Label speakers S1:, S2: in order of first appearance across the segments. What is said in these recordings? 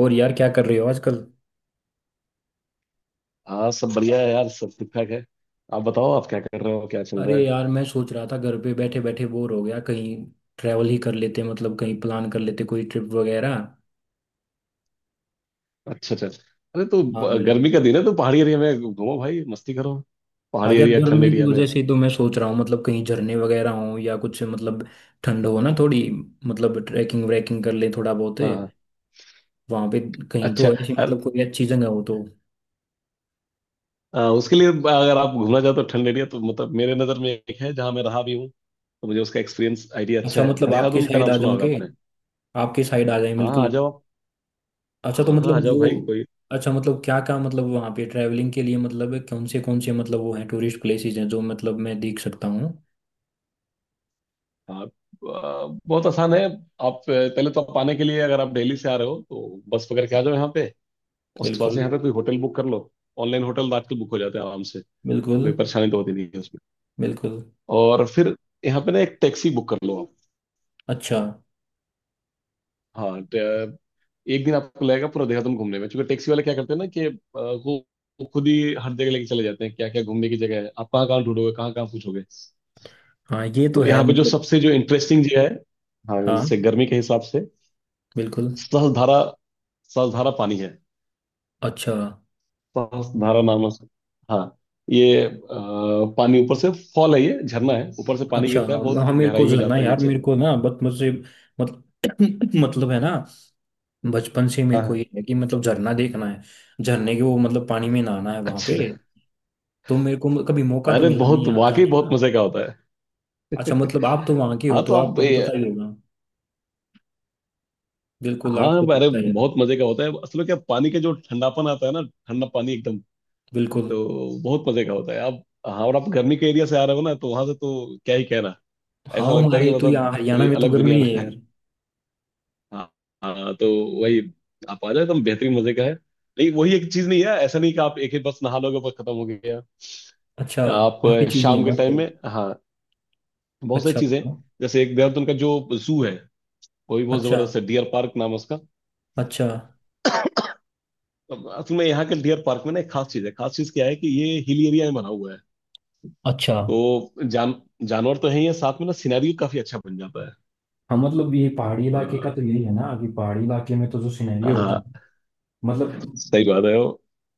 S1: और यार क्या कर रहे हो आजकल।
S2: हाँ सब बढ़िया है यार, सब ठीक ठाक है। आप बताओ, आप क्या कर रहे हो, क्या चल
S1: अरे
S2: रहा है?
S1: यार, मैं सोच रहा था घर पे बैठे बैठे बोर हो गया। कहीं ट्रैवल ही कर लेते, मतलब कहीं प्लान कर लेते कोई ट्रिप वगैरह।
S2: अच्छा अच्छा अच्छा। अरे तो
S1: हाँ,
S2: गर्मी
S1: बिल्कुल।
S2: का दिन है, तो पहाड़ी एरिया में घूमो भाई, मस्ती करो।
S1: हाँ
S2: पहाड़ी
S1: यार,
S2: एरिया, ठंड
S1: गर्मी की
S2: एरिया में।
S1: वजह से तो मैं सोच रहा हूँ, मतलब कहीं झरने वगैरह हो या कुछ, मतलब ठंड हो ना थोड़ी, मतलब ट्रैकिंग व्रैकिंग कर ले थोड़ा बहुत
S2: हाँ हाँ।
S1: वहां पे, कहीं
S2: अच्छा,
S1: तो ऐसी मतलब कोई अच्छी जगह हो तो।
S2: उसके लिए अगर आप घूमना चाहते हो ठंड एरिया, तो मतलब मेरे नज़र में एक है जहाँ मैं रहा भी हूँ, तो मुझे उसका एक्सपीरियंस आइडिया अच्छा
S1: अच्छा,
S2: है।
S1: मतलब आपके
S2: देहरादून का
S1: साइड
S2: नाम
S1: आ
S2: सुना
S1: जाऊं
S2: होगा
S1: के
S2: आपने।
S1: आपके साइड आ जाए।
S2: हाँ हाँ,
S1: बिल्कुल।
S2: आ जाओ आप।
S1: अच्छा, तो
S2: हाँ हाँ,
S1: मतलब
S2: आ जाओ
S1: वो।
S2: भाई कोई।
S1: अच्छा, मतलब क्या क्या, मतलब वहाँ पे ट्रैवलिंग के लिए, मतलब कौन से कौन से, मतलब वो हैं टूरिस्ट प्लेसेस हैं जो मतलब मैं देख सकता हूँ।
S2: आप बहुत आसान है आप। पहले तो आप आने के लिए, अगर आप दिल्ली से आ रहे हो तो बस पकड़ के आ जाओ यहाँ पे। उस वहां
S1: बिल्कुल।
S2: से यहाँ तक कोई होटल बुक कर लो। ऑनलाइन होटल आजकल बुक हो जाते हैं आराम से।
S1: बिल्कुल।
S2: कोई परेशानी तो होती नहीं है उसमें।
S1: बिल्कुल।
S2: और फिर यहाँ पे ना एक टैक्सी बुक कर लो आप।
S1: अच्छा,
S2: हाँ एक दिन आपको लगेगा पूरा देहरादून घूमने में, क्योंकि टैक्सी वाले क्या करते हैं ना, कि वो खुद ही हर जगह लेके चले जाते हैं, क्या क्या घूमने की जगह है, आप कहाँ कहाँ ढूंढोगे, कहाँ कहाँ पूछोगे।
S1: हाँ ये तो
S2: तो
S1: है
S2: यहाँ पे जो
S1: मतलब।
S2: सबसे जो इंटरेस्टिंग जगह है, हाँ
S1: हाँ,
S2: जैसे गर्मी के हिसाब से,
S1: बिल्कुल।
S2: सहस्त्रधारा। सहस्त्रधारा पानी है।
S1: अच्छा।
S2: सांस धारा नाम है। हाँ, ये पानी ऊपर से फॉल है, ये झरना है, ऊपर से पानी
S1: अच्छा।
S2: गिरता है,
S1: हाँ,
S2: बहुत
S1: हाँ, मेरे को
S2: गहराई
S1: जो
S2: में
S1: है ना
S2: जाता है
S1: यार,
S2: नीचे।
S1: मेरे को ना बचपन से मतलब मतलब है ना, बचपन से
S2: हाँ
S1: मेरे को
S2: हाँ,
S1: ये है कि मतलब झरना देखना है। झरने के वो, मतलब पानी में नहाना है वहाँ पे।
S2: अच्छे से।
S1: तो मेरे को कभी मौका तो
S2: अरे
S1: मिला नहीं
S2: बहुत,
S1: यार
S2: वाकई
S1: जाने
S2: बहुत
S1: का।
S2: मजे का होता है।
S1: अच्छा, मतलब आप तो वहाँ के हो
S2: हाँ तो
S1: तो
S2: आप
S1: आपको तो पता ही होगा। बिल्कुल,
S2: हाँ,
S1: आपको तो
S2: अरे
S1: पता ही है।
S2: बहुत मजे का होता है, असल में। क्या पानी का जो ठंडापन आता है ना, ठंडा पानी एकदम।
S1: बिल्कुल।
S2: तो बहुत मजे का होता है आप, हाँ, और आप गर्मी के एरिया से आ रहे हो ना, तो वहां से तो क्या ही कहना।
S1: हाँ,
S2: ऐसा लगता है कि
S1: हमारे तो
S2: मतलब
S1: यहाँ हरियाणा
S2: कोई
S1: में तो
S2: अलग दुनिया
S1: गर्मी
S2: में।
S1: है यार।
S2: हाँ हाँ, तो वही, आप आ जाए तो बेहतरीन मजे का है। लेकिन वही एक चीज नहीं है, ऐसा नहीं कि आप एक ही बस नहा लोगे, बस खत्म हो गया।
S1: अच्छा,
S2: आप
S1: काफी चीजें हैं
S2: शाम के टाइम
S1: मतलब।
S2: में, हाँ, बहुत सारी
S1: अच्छा।
S2: चीजें हैं। जैसे एक देहरादून का जो जू है, वो भी बहुत
S1: अच्छा।
S2: जबरदस्त है, डियर पार्क नाम है उसका।
S1: अच्छा।
S2: अब असल में यहाँ के डियर पार्क में ना एक खास चीज है, खास चीज क्या है कि ये हिल एरिया में बना हुआ है,
S1: अच्छा।
S2: तो जान जानवर तो है ही है, साथ में ना सिनेरियो काफी अच्छा बन जाता है।
S1: हाँ, मतलब ये पहाड़ी
S2: अ,
S1: इलाके का तो यही है ना, कि पहाड़ी इलाके में तो जो सिनेरियो होता है,
S2: हाँ
S1: मतलब
S2: सही बात है।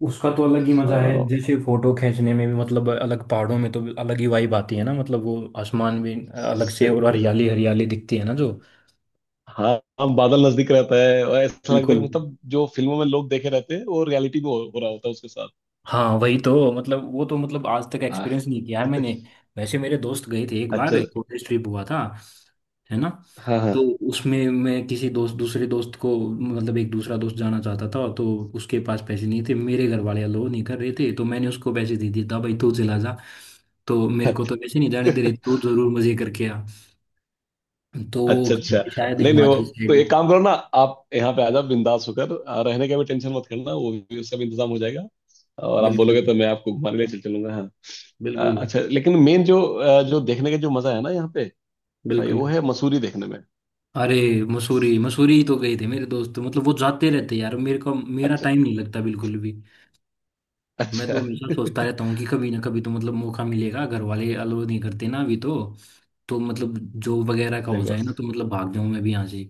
S1: उसका तो अलग ही मजा है।
S2: वो,
S1: जैसे फोटो खींचने में भी मतलब अलग, पहाड़ों में तो अलग ही वाइब आती है ना, मतलब वो आसमान भी अलग से, और हरियाली हरियाली दिखती है ना जो।
S2: हाँ हाँ, बादल नजदीक रहता है और ऐसा लगता है कि
S1: बिल्कुल।
S2: मतलब जो फिल्मों में लोग देखे रहते हैं वो रियलिटी में हो रहा होता है उसके साथ।
S1: हाँ वही तो मतलब, वो तो मतलब आज तक
S2: हाँ,
S1: एक्सपीरियंस नहीं किया है मैंने। वैसे मेरे दोस्त गए थे एक बार,
S2: अच्छा,
S1: एक कॉलेज ट्रिप हुआ था, है ना।
S2: हाँ हाँ,
S1: तो उसमें मैं किसी दोस्त दूसरे दोस्त को, मतलब एक दूसरा दोस्त जाना चाहता था तो। उसके पास पैसे नहीं थे, मेरे घर वाले अलो नहीं कर रहे थे, तो मैंने उसको पैसे दे दिए था, भाई तू चला जा। तो मेरे को तो वैसे नहीं जाने दे रहे, तू जरूर मजे करके आ। तो वो
S2: अच्छा
S1: गए
S2: अच्छा,
S1: थे शायद
S2: नहीं नहीं। वो
S1: हिमाचल
S2: तो
S1: साइड।
S2: एक काम करो ना, आप यहाँ पे आ जाओ बिंदास होकर, रहने का भी टेंशन मत करना, वो भी उसका भी इंतजाम हो जाएगा। और आप
S1: बिल्कुल।
S2: बोलोगे तो मैं आपको घुमाने ले चल चलूंगा, हाँ।
S1: बिल्कुल।
S2: अच्छा लेकिन मेन जो, जो देखने का जो मजा है ना यहाँ पे, भाई
S1: बिल्कुल।
S2: वो है मसूरी देखने में।
S1: अरे, मसूरी मसूरी ही तो गए थे मेरे दोस्त, मतलब वो जाते रहते यार, मेरे को मेरा
S2: अच्छा
S1: टाइम नहीं लगता बिल्कुल भी। मैं
S2: अच्छा,
S1: तो हमेशा सोचता रहता हूँ कि कभी ना कभी तो मतलब मौका मिलेगा, घर वाले अलाउ नहीं करते ना अभी तो। तो मतलब जॉब वगैरह का
S2: सही
S1: हो जाए ना, तो मतलब भाग जाऊँ मैं भी यहाँ से।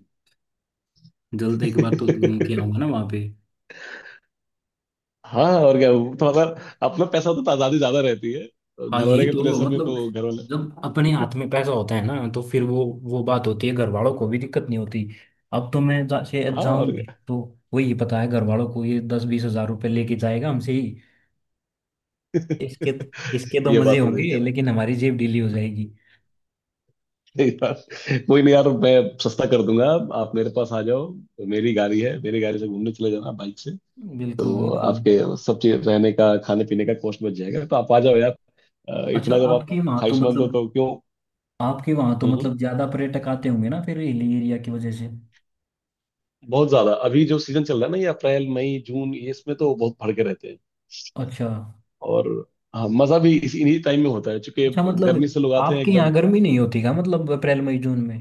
S1: जल्द एक बार तो घूम के
S2: बात।
S1: आऊंगा ना वहाँ पे।
S2: हाँ और क्या, वो तो मतलब अपना पैसा होता तो आजादी ज्यादा रहती है, तो
S1: हाँ
S2: घर वाले
S1: यही
S2: के
S1: तो
S2: प्रेशर में,
S1: मतलब,
S2: तो घर वाले,
S1: जब अपने हाथ में पैसा होता है ना तो फिर वो बात होती है, घर वालों को भी दिक्कत नहीं होती। अब तो मैं से
S2: हाँ
S1: जाऊं
S2: और
S1: भी
S2: क्या।
S1: तो। वही पता है घर वालों को, ये दस बीस हजार रुपये लेके जाएगा हमसे ही। इसके इसके तो
S2: ये बात
S1: मजे
S2: तो सही कह
S1: होंगे,
S2: रहे हैं।
S1: लेकिन हमारी जेब ढीली हो जाएगी।
S2: यार, कोई नहीं यार, मैं सस्ता कर दूंगा। आप मेरे पास आ जाओ तो मेरी गाड़ी है, मेरी गाड़ी से घूमने चले जाना बाइक से,
S1: बिल्कुल।
S2: तो
S1: बिल्कुल।
S2: आपके सब चीज, रहने का, खाने पीने का कॉस्ट बच जाएगा, तो आप आ जाओ यार।
S1: अच्छा,
S2: इतना जब आप
S1: आपके वहां तो
S2: ख्वाहिशमंद हो
S1: मतलब
S2: तो क्यों।
S1: आपके वहां तो
S2: हम्म
S1: मतलब
S2: हम्म,
S1: ज्यादा पर्यटक आते होंगे ना फिर हिली एरिया की वजह से।
S2: बहुत ज्यादा। अभी जो सीजन चल रहा है ना, ये अप्रैल मई जून, ये इसमें तो बहुत भड़के रहते हैं।
S1: अच्छा।
S2: और हाँ, मजा भी इसी इन्हीं टाइम में होता है, क्योंकि
S1: अच्छा, मतलब
S2: गर्मी से लोग आते हैं
S1: आपके
S2: एकदम।
S1: यहाँ गर्मी नहीं होती क्या, मतलब अप्रैल मई जून में।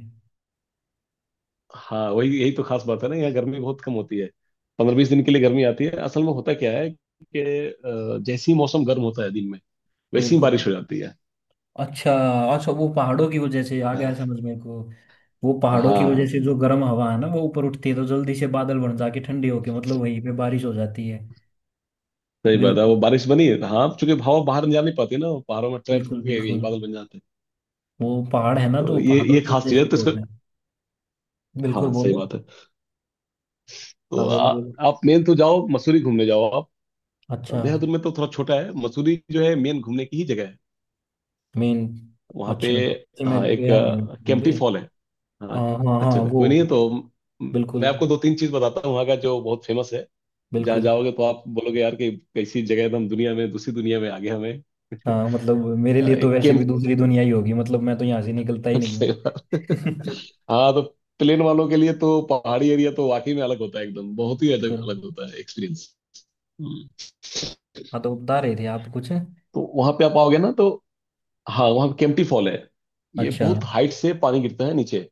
S2: हाँ वही, यही तो खास बात है ना, यहाँ गर्मी बहुत कम होती है। 15-20 दिन के लिए गर्मी आती है, असल में होता क्या है कि जैसे ही मौसम गर्म होता है दिन में, वैसी ही
S1: बिल्कुल।
S2: बारिश हो जाती है।
S1: अच्छा। अच्छा, वो पहाड़ों की वजह से आ गया
S2: हाँ
S1: समझ मेरे को। वो पहाड़ों की वजह
S2: हाँ,
S1: से जो गर्म हवा है ना, वो ऊपर उठती है तो जल्दी से बादल बन जाके ठंडी होके मतलब वहीं पे बारिश हो जाती है।
S2: सही बात है,
S1: बिल्कुल।
S2: वो बारिश बनी है। हाँ, चूंकि हवा बाहर नहीं जा, नहीं पाती ना, वो पहाड़ों में ट्रैप
S1: बिल्कुल।
S2: होके यही
S1: बिल्कुल।
S2: बादल बन जाते हैं।
S1: वो पहाड़ है ना,
S2: तो
S1: तो पहाड़ों
S2: ये
S1: की
S2: खास
S1: वजह
S2: चीज
S1: से
S2: है
S1: ही
S2: तो
S1: तो
S2: इसको,
S1: होता है। बिल्कुल,
S2: हाँ सही
S1: बोलो।
S2: बात है।
S1: हाँ
S2: तो
S1: बोलो बोलो।
S2: आप मेन तो जाओ मसूरी घूमने, जाओ आप।
S1: अच्छा,
S2: देहरादून में तो थोड़ा छोटा है, मसूरी जो है मेन घूमने की ही जगह है
S1: मेन।
S2: वहाँ पे।
S1: अच्छा नहीं, मैं
S2: हाँ एक
S1: गया नहीं हूँ बिल्कुल
S2: केम्प्टी
S1: भी।
S2: फॉल है। हाँ,
S1: हाँ, हाँ, हाँ,
S2: अच्छा अच्छा,
S1: वो।
S2: कोई नहीं है तो
S1: बिल्कुल।
S2: मैं आपको दो तीन चीज बताता हूँ वहाँ का, जो बहुत फेमस है। जहाँ
S1: बिल्कुल।
S2: जाओगे तो आप बोलोगे यार कि कैसी जगह है, हम दुनिया में, दूसरी दुनिया में आ गए हमें।
S1: हाँ, मतलब मेरे लिए तो
S2: एक
S1: वैसे भी
S2: कैंप,
S1: दूसरी दुनिया ही होगी, मतलब मैं तो यहाँ से निकलता ही नहीं
S2: सही
S1: हूँ।
S2: बात। हाँ तो प्लेन वालों के लिए तो पहाड़ी एरिया तो वाकई में अलग होता है एकदम, बहुत ही अलग
S1: बिल्कुल।
S2: अलग होता है एक्सपीरियंस। हम्म।
S1: हाँ, तो बता रहे थे आप कुछ।
S2: तो वहां पे आप आओगे ना तो, हाँ वहाँ केम्प्टी फॉल है। ये
S1: अच्छा।
S2: बहुत हाइट से पानी गिरता है नीचे,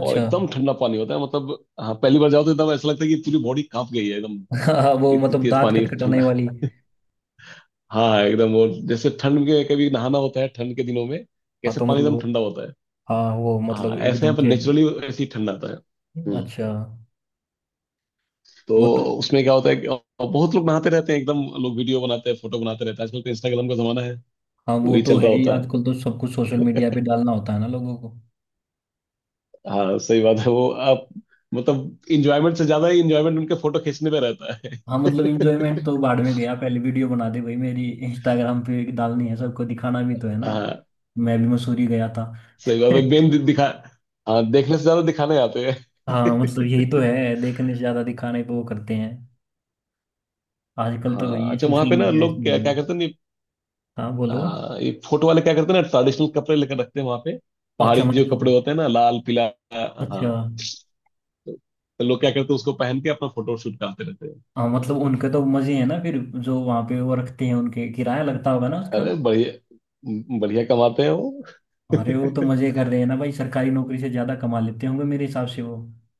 S2: और एकदम ठंडा पानी होता है। मतलब, हाँ पहली बार जाओ तो एकदम ऐसा लगता है कि पूरी बॉडी कांप गई है एकदम,
S1: हाँ वो
S2: इतनी
S1: मतलब
S2: तेज
S1: दांत
S2: पानी
S1: खटखटाने
S2: ठंडा।
S1: वाली।
S2: हाँ एकदम, वो जैसे ठंड के कभी नहाना होता है ठंड के दिनों में,
S1: हाँ
S2: कैसे
S1: तो
S2: पानी एकदम
S1: मतलब।
S2: ठंडा होता है।
S1: हाँ वो
S2: हाँ
S1: मतलब
S2: ऐसे
S1: एकदम
S2: यहाँ पर
S1: से।
S2: नेचुरली ऐसे ही ठंडा आता है। हम्म।
S1: अच्छा,
S2: तो
S1: वो तो।
S2: उसमें क्या होता है कि बहुत लोग नहाते रहते हैं एकदम, लोग वीडियो बनाते हैं, फोटो बनाते रहते हैं। आजकल तो इंस्टाग्राम का जमाना है,
S1: हाँ, वो
S2: वही
S1: तो
S2: चल रहा
S1: है ही,
S2: होता है।
S1: आजकल तो सब कुछ सोशल मीडिया पे डालना होता है ना लोगों को।
S2: हाँ सही बात है, वो, आप मतलब इंजॉयमेंट से ज्यादा ही इंजॉयमेंट उनके फोटो खींचने पे रहता है।
S1: हाँ मतलब, इंजॉयमेंट तो बाद में गया, पहले वीडियो बना दे भाई, मेरी इंस्टाग्राम पे डालनी है, सबको दिखाना भी तो है ना।
S2: हाँ
S1: मैं भी मसूरी गया था।
S2: सही बात है, मेन दिखा, हाँ देखने से ज्यादा दिखाने आते
S1: हाँ मतलब
S2: हैं।
S1: यही तो है, देखने से ज्यादा दिखाने पे वो करते हैं। आजकल तो
S2: हाँ,
S1: वही
S2: अच्छा, वहां
S1: सोशल
S2: पे ना
S1: मीडिया
S2: लोग
S1: इसमें
S2: क्या
S1: भी।
S2: क्या करते हैं।
S1: हाँ बोलो।
S2: हाँ ये फोटो वाले क्या करते हैं ना, ट्रेडिशनल कपड़े लेकर रखते हैं वहां पे।
S1: अच्छा
S2: पहाड़ी जो
S1: मतलब।
S2: कपड़े होते हैं ना, लाल पीला, हाँ,
S1: अच्छा।
S2: तो लोग क्या करते हैं, उसको पहन के अपना फोटो शूट करते रहते हैं।
S1: हाँ मतलब उनके तो मजे हैं ना फिर, जो वहाँ पे वो रखते हैं उनके, किराया लगता होगा ना उसका।
S2: अरे बढ़िया बढ़िया कमाते हैं वो।
S1: अरे, वो तो
S2: अरे,
S1: मजे कर रहे हैं ना भाई, सरकारी नौकरी से ज्यादा कमा लेते होंगे मेरे हिसाब से वो।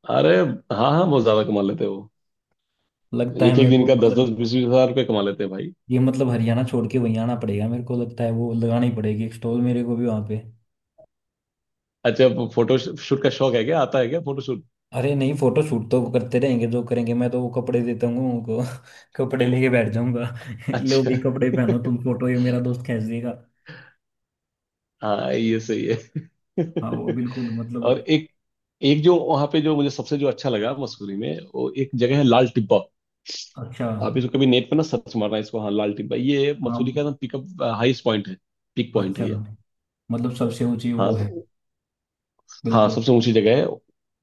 S2: हाँ हाँ, बहुत ज्यादा कमा लेते हैं वो,
S1: लगता है
S2: एक एक
S1: मेरे
S2: दिन
S1: को
S2: का दस दस
S1: मतलब।
S2: बीस बीस हजार रुपये कमा लेते हैं भाई।
S1: ये मतलब हरियाणा छोड़ के वहीं आना पड़ेगा मेरे को लगता है, वो लगानी पड़ेगी एक स्टॉल मेरे को भी वहाँ पे।
S2: अच्छा, अब फोटो शूट का शौक है क्या, आता है क्या फोटो शूट,
S1: अरे नहीं, फोटो शूट तो करते रहेंगे जो करेंगे, मैं तो वो कपड़े देता हूँ उनको। कपड़े लेके बैठ जाऊंगा। लो
S2: अच्छा,
S1: भाई, कपड़े पहनो तुम, फोटो ये मेरा दोस्त खींच देगा।
S2: हाँ ये सही है।
S1: हाँ वो बिल्कुल मतलब।
S2: और एक एक जो वहां पे, जो मुझे सबसे जो अच्छा लगा मसूरी में, वो एक जगह है लाल टिब्बा।
S1: अच्छा।
S2: आप इसको कभी नेट पे ना सर्च मारना, इसको। हाँ लाल टिब्बा, ये मसूरी
S1: हाँ।
S2: का ना पिकअप हाईएस्ट पॉइंट है, पीक पॉइंट है
S1: अच्छा,
S2: ये।
S1: मतलब सबसे ऊंची
S2: हाँ
S1: वो है।
S2: तो, हाँ
S1: बिल्कुल।
S2: सबसे ऊंची जगह है।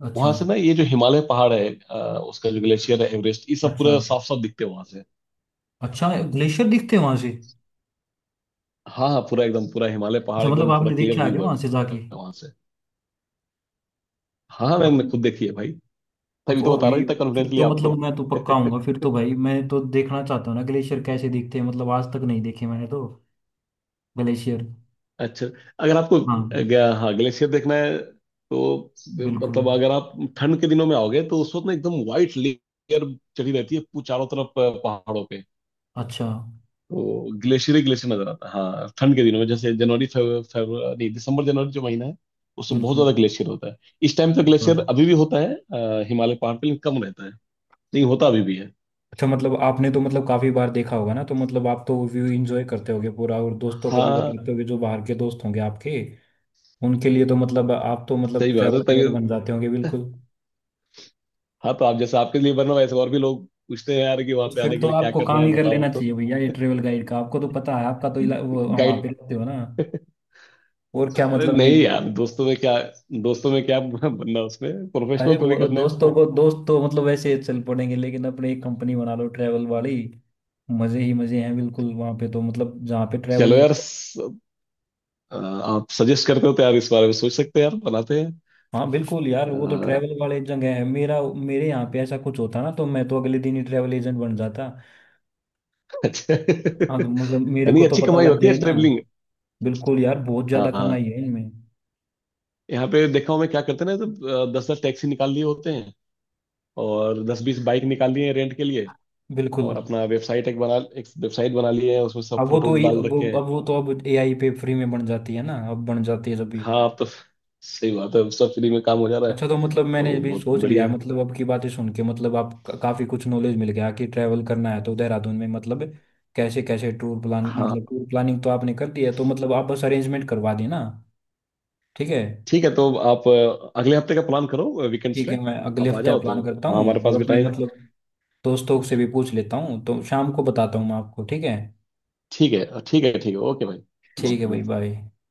S1: अच्छा।
S2: वहां से ना ये जो हिमालय पहाड़ है, उसका जो ग्लेशियर है, एवरेस्ट, ये सब
S1: अच्छा,
S2: पूरा साफ साफ दिखते हैं वहां से।
S1: अच्छा ग्लेशियर दिखते हैं वहां से।
S2: हाँ हाँ, पूरा एकदम, पूरा हिमालय पहाड़
S1: अच्छा, मतलब
S2: एकदम, पूरा
S1: आपने
S2: क्लियर
S1: देखा है
S2: व्यू
S1: क्या वहां से
S2: है
S1: जाके।
S2: वहां से। हाँ हाँ, मैंने
S1: आपने
S2: खुद देखी है भाई, तभी तो
S1: वो
S2: बता
S1: भी,
S2: रहा हूँ इतना
S1: फिर
S2: कॉन्फिडेंटली
S1: तो
S2: आपको।
S1: मतलब मैं तो पक्का आऊंगा फिर तो भाई, मैं तो देखना चाहता हूँ ना ग्लेशियर कैसे दिखते हैं, मतलब आज तक नहीं देखे मैंने तो ग्लेशियर।
S2: अच्छा, अगर आपको
S1: हाँ
S2: हाँ ग्लेशियर देखना है तो
S1: बिल्कुल।
S2: मतलब, अगर आप ठंड के दिनों में आओगे तो उस वक्त ना एकदम व्हाइट लेयर चढ़ी रहती है चारों तरफ पहाड़ों पे।
S1: अच्छा।
S2: तो ग्लेशियर ही ग्लेशियर नजर आता है। हाँ ठंड के दिनों में, जैसे जनवरी, नहीं, दिसंबर जनवरी जो महीना है, उसमें बहुत
S1: बिल्कुल।
S2: ज्यादा ग्लेशियर होता है। इस टाइम तो
S1: अच्छा।
S2: ग्लेशियर अभी भी होता है, हिमालय पहाड़ पे, लेकिन कम रहता है। नहीं होता, अभी भी है।
S1: अच्छा, मतलब आपने तो मतलब काफी बार देखा होगा ना, तो मतलब आप तो व्यू एंजॉय करते होगे पूरा, और दोस्तों को भी
S2: हाँ
S1: बताते होगे जो बाहर के दोस्त होंगे आपके। उनके लिए तो मतलब आप तो मतलब
S2: सही बात है,
S1: ट्रैवल
S2: तभी
S1: गाइड बन जाते होंगे बिल्कुल।
S2: हाँ, तो आप जैसे, आपके लिए बना, वैसे और भी लोग पूछते हैं यार कि वहां
S1: तो
S2: पे
S1: फिर
S2: आने के
S1: तो
S2: लिए क्या
S1: आपको
S2: करना
S1: काम
S2: है
S1: ही कर
S2: बताओ,
S1: लेना
S2: तो
S1: चाहिए भैया ये ट्रेवल गाइड का, आपको तो पता है, आपका तो वो वहाँ
S2: गाइड।
S1: पे रहते हो ना। और क्या,
S2: अरे
S1: मतलब ये।
S2: नहीं यार, दोस्तों में क्या, दोस्तों में क्या बनना, उसमें
S1: अरे
S2: प्रोफेशनल
S1: वो
S2: थोड़ी करना है
S1: दोस्तों
S2: इसको।
S1: को, दोस्त तो मतलब वैसे चल पड़ेंगे, लेकिन अपने एक कंपनी बना लो ट्रैवल वाली। मजे ही मजे हैं बिल्कुल, वहाँ पे तो मतलब जहाँ पे
S2: चलो
S1: ट्रैवल।
S2: यार आप सजेस्ट करते हो तो यार, इस बारे में सोच सकते हैं यार, बनाते हैं।
S1: हाँ बिल्कुल यार, वो तो
S2: अ,
S1: ट्रैवल वाले जगह है, मेरा मेरे यहाँ पे ऐसा कुछ होता ना तो मैं तो अगले दिन ही ट्रैवल एजेंट बन जाता।
S2: अच्छा,
S1: हाँ तो मतलब मेरे
S2: यानी
S1: को तो
S2: अच्छी
S1: पता
S2: कमाई
S1: लग
S2: होती है
S1: जाए ना।
S2: ट्रेवलिंग।
S1: बिल्कुल यार, बहुत
S2: हाँ
S1: ज्यादा कमाई
S2: हाँ,
S1: है इनमें।
S2: यहाँ पे देखा हूँ मैं क्या करते हैं ना, तो 10-10 टैक्सी निकाल लिए होते हैं, और 10-20 बाइक निकाल लिए हैं रेंट के लिए,
S1: बिल्कुल।
S2: और अपना वेबसाइट एक बना, एक वेबसाइट बना लिए है, उसमें सब
S1: अब वो
S2: फोटो
S1: तो
S2: वोटो डाल
S1: वो
S2: रखे हैं।
S1: अब वो तो अब एआई पे फ्री में बन जाती है ना, अब बन जाती है जब भी।
S2: हाँ अब तो, सही बात है, अब सब फ्री में काम हो जा रहा है।
S1: अच्छा, तो मतलब मैंने
S2: तो
S1: भी
S2: बहुत
S1: सोच लिया है,
S2: बढ़िया।
S1: मतलब अब की बातें सुन के, मतलब आप काफी कुछ नॉलेज मिल गया कि ट्रैवल करना है तो देहरादून में मतलब। कैसे कैसे टूर प्लान, मतलब
S2: हाँ
S1: टूर प्लानिंग तो आपने कर दी है, तो मतलब आप बस अरेंजमेंट करवा देना। ठीक है।
S2: ठीक है, तो आप अगले हफ्ते का प्लान करो वीकेंड्स
S1: ठीक
S2: पे,
S1: है, मैं अगले
S2: आप आ
S1: हफ्ते
S2: जाओ तो,
S1: प्लान करता
S2: हाँ
S1: हूँ
S2: हमारे पास
S1: और
S2: भी
S1: अपने
S2: टाइम है।
S1: मतलब दोस्तों से भी पूछ लेता हूँ, तो शाम को बताता हूँ मैं आपको। ठीक है।
S2: ठीक है ठीक है ठीक है, ओके भाई। बहुत
S1: ठीक है भाई,
S2: बढ़िया।
S1: बाय।